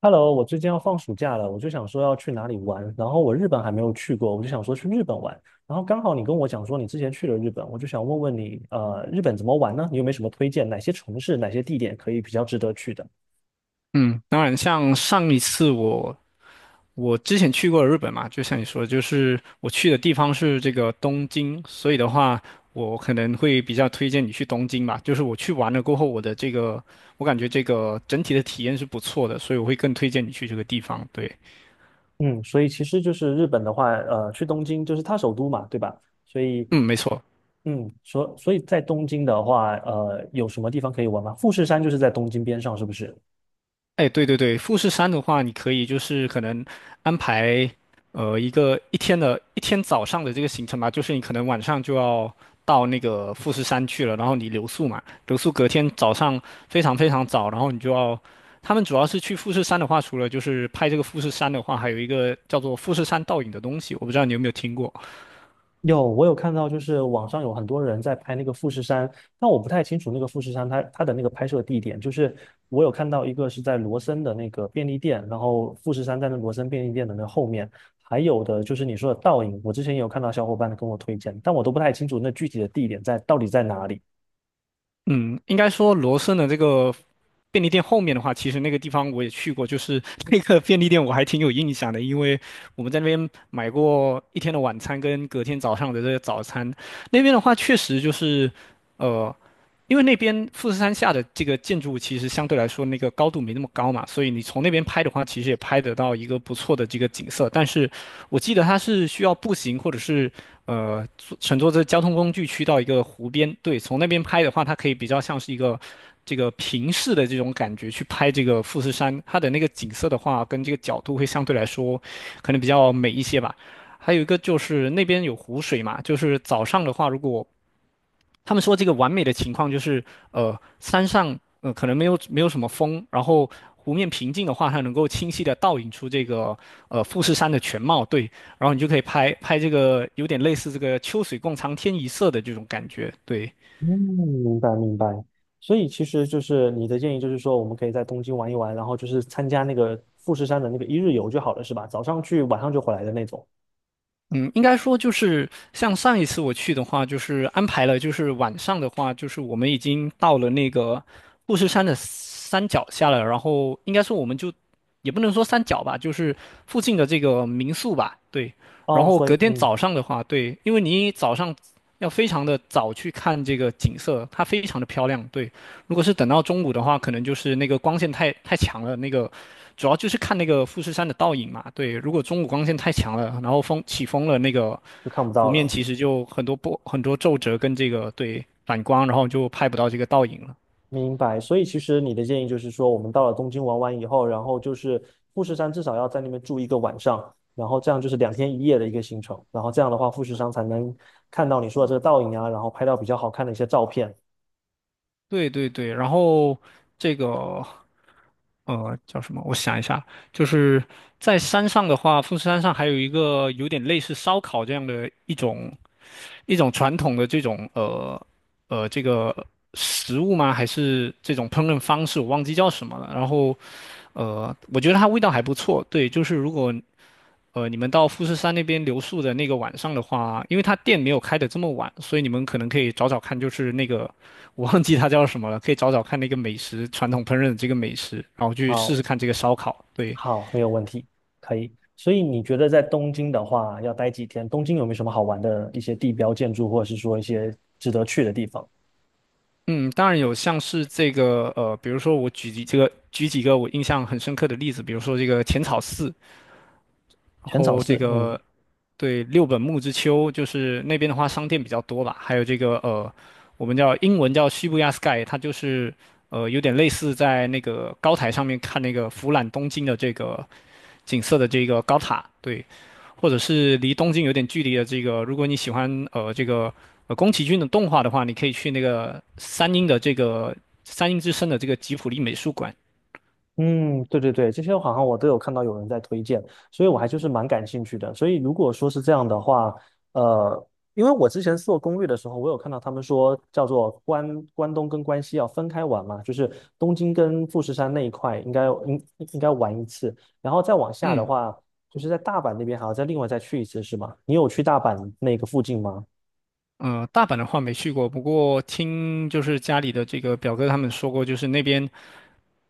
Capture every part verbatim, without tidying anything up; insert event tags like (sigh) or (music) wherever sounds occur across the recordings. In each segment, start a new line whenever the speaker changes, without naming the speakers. Hello，我最近要放暑假了，我就想说要去哪里玩，然后我日本还没有去过，我就想说去日本玩，然后刚好你跟我讲说你之前去了日本，我就想问问你，呃，日本怎么玩呢？你有没有什么推荐？哪些城市、哪些地点可以比较值得去的？
嗯，当然，像上一次我我之前去过日本嘛，就像你说的，就是我去的地方是这个东京，所以的话，我可能会比较推荐你去东京吧。就是我去完了过后，我的这个我感觉这个整体的体验是不错的，所以我会更推荐你去这个地方。对，
嗯，所以其实就是日本的话，呃，去东京就是它首都嘛，对吧？所以，
嗯，没错。
嗯，所所以在东京的话，呃，有什么地方可以玩吗？富士山就是在东京边上，是不是？
哎，对对对，富士山的话，你可以就是可能安排呃一个一天的一天早上的这个行程吧，就是你可能晚上就要到那个富士山去了，然后你留宿嘛，留宿隔天早上非常非常早，然后你就要，他们主要是去富士山的话，除了就是拍这个富士山的话，还有一个叫做富士山倒影的东西，我不知道你有没有听过。
有，我有看到，就是网上有很多人在拍那个富士山，但我不太清楚那个富士山它它的那个拍摄地点。就是我有看到一个是在罗森的那个便利店，然后富士山在那罗森便利店的那后面，还有的就是你说的倒影，我之前也有看到小伙伴跟我推荐，但我都不太清楚那具体的地点在到底在哪里。
嗯，应该说罗森的这个便利店后面的话，其实那个地方我也去过，就是 (laughs) 那个便利店我还挺有印象的，因为我们在那边买过一天的晚餐跟隔天早上的这个早餐。那边的话，确实就是，呃，因为那边富士山下的这个建筑物其实相对来说那个高度没那么高嘛，所以你从那边拍的话，其实也拍得到一个不错的这个景色。但是我记得它是需要步行或者是呃坐乘坐这交通工具去到一个湖边，对，从那边拍的话，它可以比较像是一个。这个平视的这种感觉去拍这个富士山，它的那个景色的话，跟这个角度会相对来说可能比较美一些吧。还有一个就是那边有湖水嘛，就是早上的话，如果他们说这个完美的情况就是，呃，山上呃可能没有没有什么风，然后湖面平静的话，它能够清晰的倒影出这个呃富士山的全貌，对，然后你就可以拍拍这个有点类似这个秋水共长天一色的这种感觉，对。
嗯，明白明白。所以其实就是你的建议，就是说我们可以在东京玩一玩，然后就是参加那个富士山的那个一日游就好了，是吧？早上去，晚上就回来的那种。
嗯，应该说就是像上一次我去的话，就是安排了，就是晚上的话，就是我们已经到了那个富士山的山脚下了，然后应该说我们就也不能说山脚吧，就是附近的这个民宿吧，对。然
哦，
后
所
隔
以
天早
嗯。
上的话，对，因为你早上要非常的早去看这个景色，它非常的漂亮，对。如果是等到中午的话，可能就是那个光线太太强了，那个主要就是看那个富士山的倒影嘛。对，如果中午光线太强了，然后风起风了，那个
就看不
湖
到
面
了。
其实就很多波、很多皱褶跟这个对反光，然后就拍不到这个倒影了。
明白，所以其实你的建议就是说，我们到了东京玩完以后，然后就是富士山至少要在那边住一个晚上，然后这样就是两天一夜的一个行程，然后这样的话，富士山才能看到你说的这个倒影啊，然后拍到比较好看的一些照片。
对对对，然后这个呃叫什么？我想一下，就是在山上的话，富士山上还有一个有点类似烧烤这样的一种一种传统的这种呃呃这个食物吗？还是这种烹饪方式？我忘记叫什么了。然后呃，我觉得它味道还不错。对，就是如果呃你们到富士山那边留宿的那个晚上的话，因为它店没有开的这么晚，所以你们可能可以找找看，就是那个我忘记它叫什么了，可以找找看那个美食，传统烹饪的这个美食，然后去试
好，
试看这个烧烤。对，
好，没有问题，可以。所以你觉得在东京的话要待几天？东京有没有什么好玩的一些地标建筑，或者是说一些值得去的地方？
嗯，当然有像是这个呃，比如说我举几这个举几个我印象很深刻的例子，比如说这个浅草寺，然
全场
后这
是，嗯。
个对，六本木之丘就是那边的话，商店比较多吧。还有这个呃，我们叫英文叫 s h 亚 Sky，它就是呃有点类似在那个高台上面看那个俯览东京的这个景色的这个高塔，对，或者是离东京有点距离的这个，如果你喜欢呃这个呃宫崎骏的动画的话，你可以去那个三鹰的这个三鹰之森的这个吉卜力美术馆。
嗯，对对对，这些好像我都有看到有人在推荐，所以我还就是蛮感兴趣的。所以如果说是这样的话，呃，因为我之前做攻略的时候，我有看到他们说叫做关关东跟关西要分开玩嘛，就是东京跟富士山那一块应该应应该玩一次，然后再往下的
嗯，
话，就是在大阪那边还要再另外再去一次，是吗？你有去大阪那个附近吗？
呃，大阪的话没去过，不过听就是家里的这个表哥他们说过，就是那边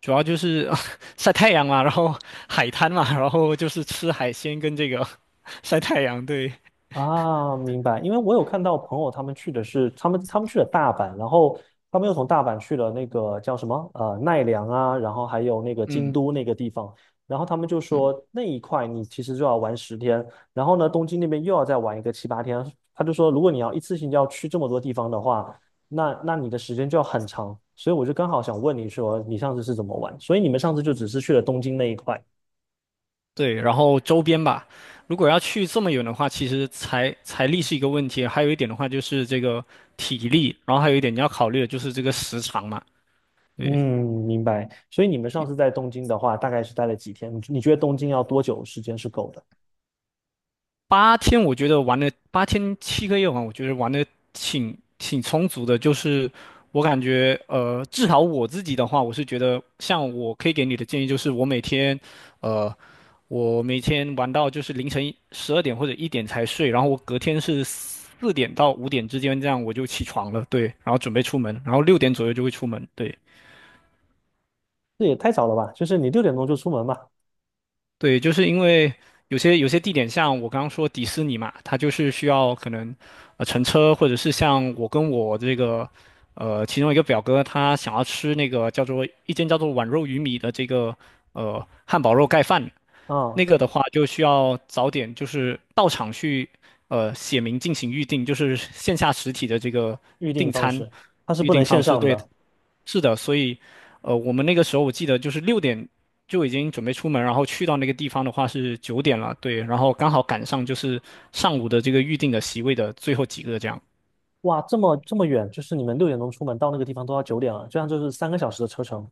主要就是啊 (laughs) 晒太阳嘛，然后海滩嘛，(laughs) 然后就是吃海鲜跟这个 (laughs) 晒太阳，对，
啊，明白。因为我有看到朋友他们去的是他们他们去了大阪，然后他们又从大阪去了那个叫什么呃奈良啊，然后还有那个京
嗯
都那个地方，然后他们就说
嗯，
那一块你其实就要玩十天，然后呢东京那边又要再玩一个七八天，他就说如果你要一次性要去这么多地方的话，那那你的时间就要很长，所以我就刚好想问你说你上次是怎么玩，所以你们上次就只是去了东京那一块。
对，然后周边吧。如果要去这么远的话，其实财财力是一个问题，还有一点的话就是这个体力，然后还有一点你要考虑的就是这个时长嘛，对。
嗯，明白。所以你们上次在东京的话，大概是待了几天？你你觉得东京要多久时间是够的？
八天我觉得玩了八天七个夜晚，我觉得玩的挺挺充足的。就是我感觉，呃，至少我自己的话，我是觉得，像我可以给你的建议就是，我每天，呃，我每天玩到就是凌晨十二点或者一点才睡，然后我隔天是四点到五点之间这样我就起床了，对，然后准备出门，然后六点左右就会出门，对。
这也太早了吧？就是你六点钟就出门嘛？
对，就是因为有些有些地点，像我刚刚说迪士尼嘛，它就是需要可能呃乘车，或者是像我跟我这个呃其中一个表哥，他想要吃那个叫做一间叫做碗肉鱼米的这个呃汉堡肉盖饭，那
啊，
个的话就需要早点就是到场去，呃，写明进行预定，就是线下实体的这个
预定
订
方
餐
式它是
预
不能
定
线
方式。
上
对，
的。
是的，所以，呃，我们那个时候我记得就是六点就已经准备出门，然后去到那个地方的话是九点了，对，然后刚好赶上就是上午的这个预定的席位的最后几个这样。
哇，这么这么远，就是你们六点钟出门到那个地方都要九点了，这样就是三个小时的车程。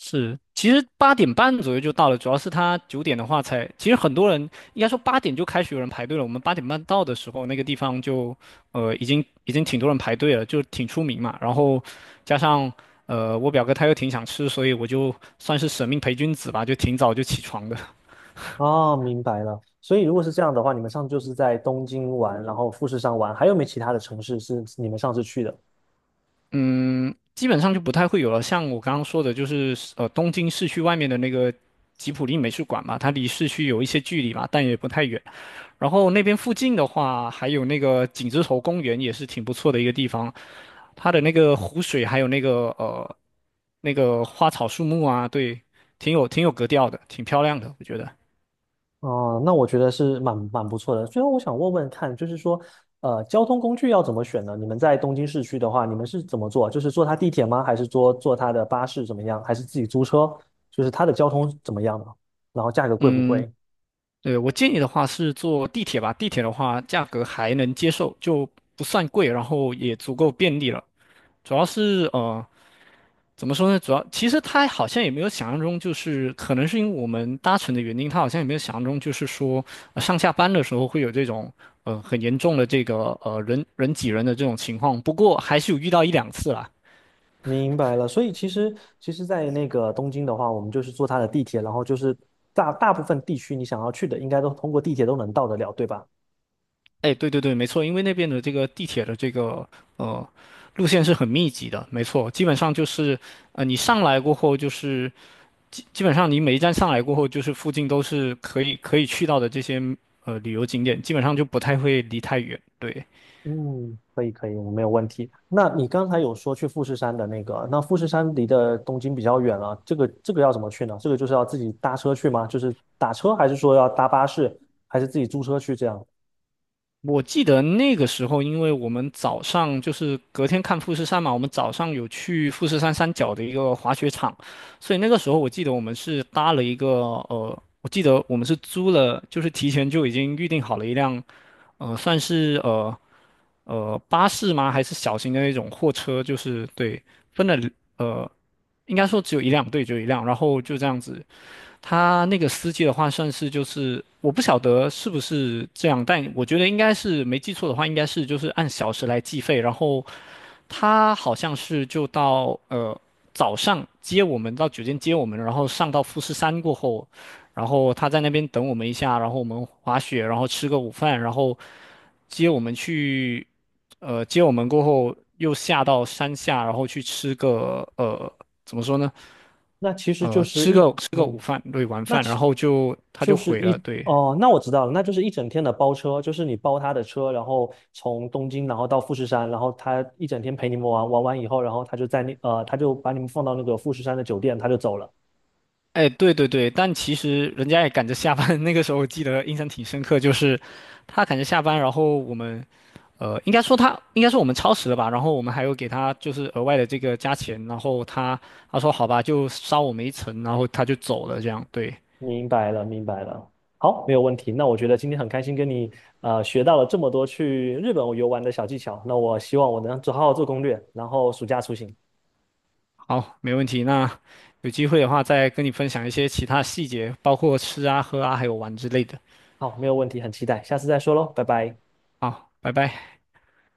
是，其实八点半左右就到了，主要是他九点的话才，其实很多人应该说八点就开始有人排队了。我们八点半到的时候，那个地方就呃已经已经挺多人排队了，就挺出名嘛。然后加上呃我表哥他又挺想吃，所以我就算是舍命陪君子吧，就挺早就起床的。
哦，明白了。所以如果是这样的话，你们上次就是在东京玩，然后富士山玩，还有没其他的城市是你们上次去的？
嗯，基本上就不太会有了。像我刚刚说的，就是呃东京市区外面的那个吉普力美术馆嘛，它离市区有一些距离嘛，但也不太远。然后那边附近的话，还有那个景之头公园也是挺不错的一个地方，它的那个湖水还有那个呃那个花草树木啊，对，挺有挺有格调的，挺漂亮的，我觉得。
哦，那我觉得是蛮蛮不错的。最后我想问问看，就是说，呃，交通工具要怎么选呢？你们在东京市区的话，你们是怎么做？就是坐它地铁吗？还是坐坐它的巴士怎么样？还是自己租车？就是它的交通怎么样呢？然后价格贵不
嗯，
贵？
对，我建议的话是坐地铁吧，地铁的话价格还能接受，就不算贵，然后也足够便利了。主要是呃怎么说呢？主要其实他好像也没有想象中，就是可能是因为我们搭乘的原因，他好像也没有想象中，就是说、呃上下班的时候会有这种呃很严重的这个呃人人挤人的这种情况。不过还是有遇到一两次啦。
明白了。所以其实其实，在那个东京的话，我们就是坐它的地铁，然后就是大大部分地区你想要去的，应该都通过地铁都能到得了，对吧？
哎，对对对，没错，因为那边的这个地铁的这个呃路线是很密集的，没错，基本上就是呃你上来过后，就是基本上你每一站上来过后，就是附近都是可以可以去到的这些呃旅游景点，基本上就不太会离太远，对。
嗯，可以可以，我没有问题。那你刚才有说去富士山的那个，那富士山离的东京比较远了，这个这个要怎么去呢？这个就是要自己搭车去吗？就是打车，还是说要搭巴士，还是自己租车去这样？
我记得那个时候，因为我们早上就是隔天看富士山嘛，我们早上有去富士山山脚的一个滑雪场，所以那个时候我记得我们是搭了一个呃，我记得我们是租了，就是提前就已经预定好了一辆，呃，算是呃呃巴士吗？还是小型的那种货车？就是对，分了呃，应该说只有一辆，对，只有一辆，然后就这样子他那个司机的话，算是就是我不晓得是不是这样，但我觉得应该是没记错的话，应该是就是按小时来计费。然后他好像是就到呃早上接我们到酒店接我们，然后上到富士山过后，然后他在那边等我们一下，然后我们滑雪，然后吃个午饭，然后接我们去呃接我们过后又下到山下，然后去吃个呃怎么说呢？
那其实就
呃，
是
吃
一，
个吃个午
嗯，
饭，对，晚
那
饭，
其
然后就他
就
就
是
毁了，
一，
对。
哦，那我知道了，那就是一整天的包车，就是你包他的车，然后从东京，然后到富士山，然后他一整天陪你们玩，玩完以后，然后他就在那，呃，他就把你们放到那个富士山的酒店，他就走了。
哎，对对对，但其实人家也赶着下班，(laughs) 那个时候我记得印象挺深刻，就是他赶着下班，然后我们，呃，应该说他应该说我们超时了吧，然后我们还有给他就是额外的这个加钱，然后他他说好吧，就捎我们一程，然后他就走了，这样对，
明白了，明白了。好，没有问题。那我觉得今天很开心跟你呃学到了这么多去日本游玩的小技巧。那我希望我能做好好做攻略，然后暑假出行。
好，没问题。那有机会的话再跟你分享一些其他细节，包括吃啊、喝啊，还有玩之类的。
好，没有问题，很期待。下次再说喽，拜拜。
好，拜拜。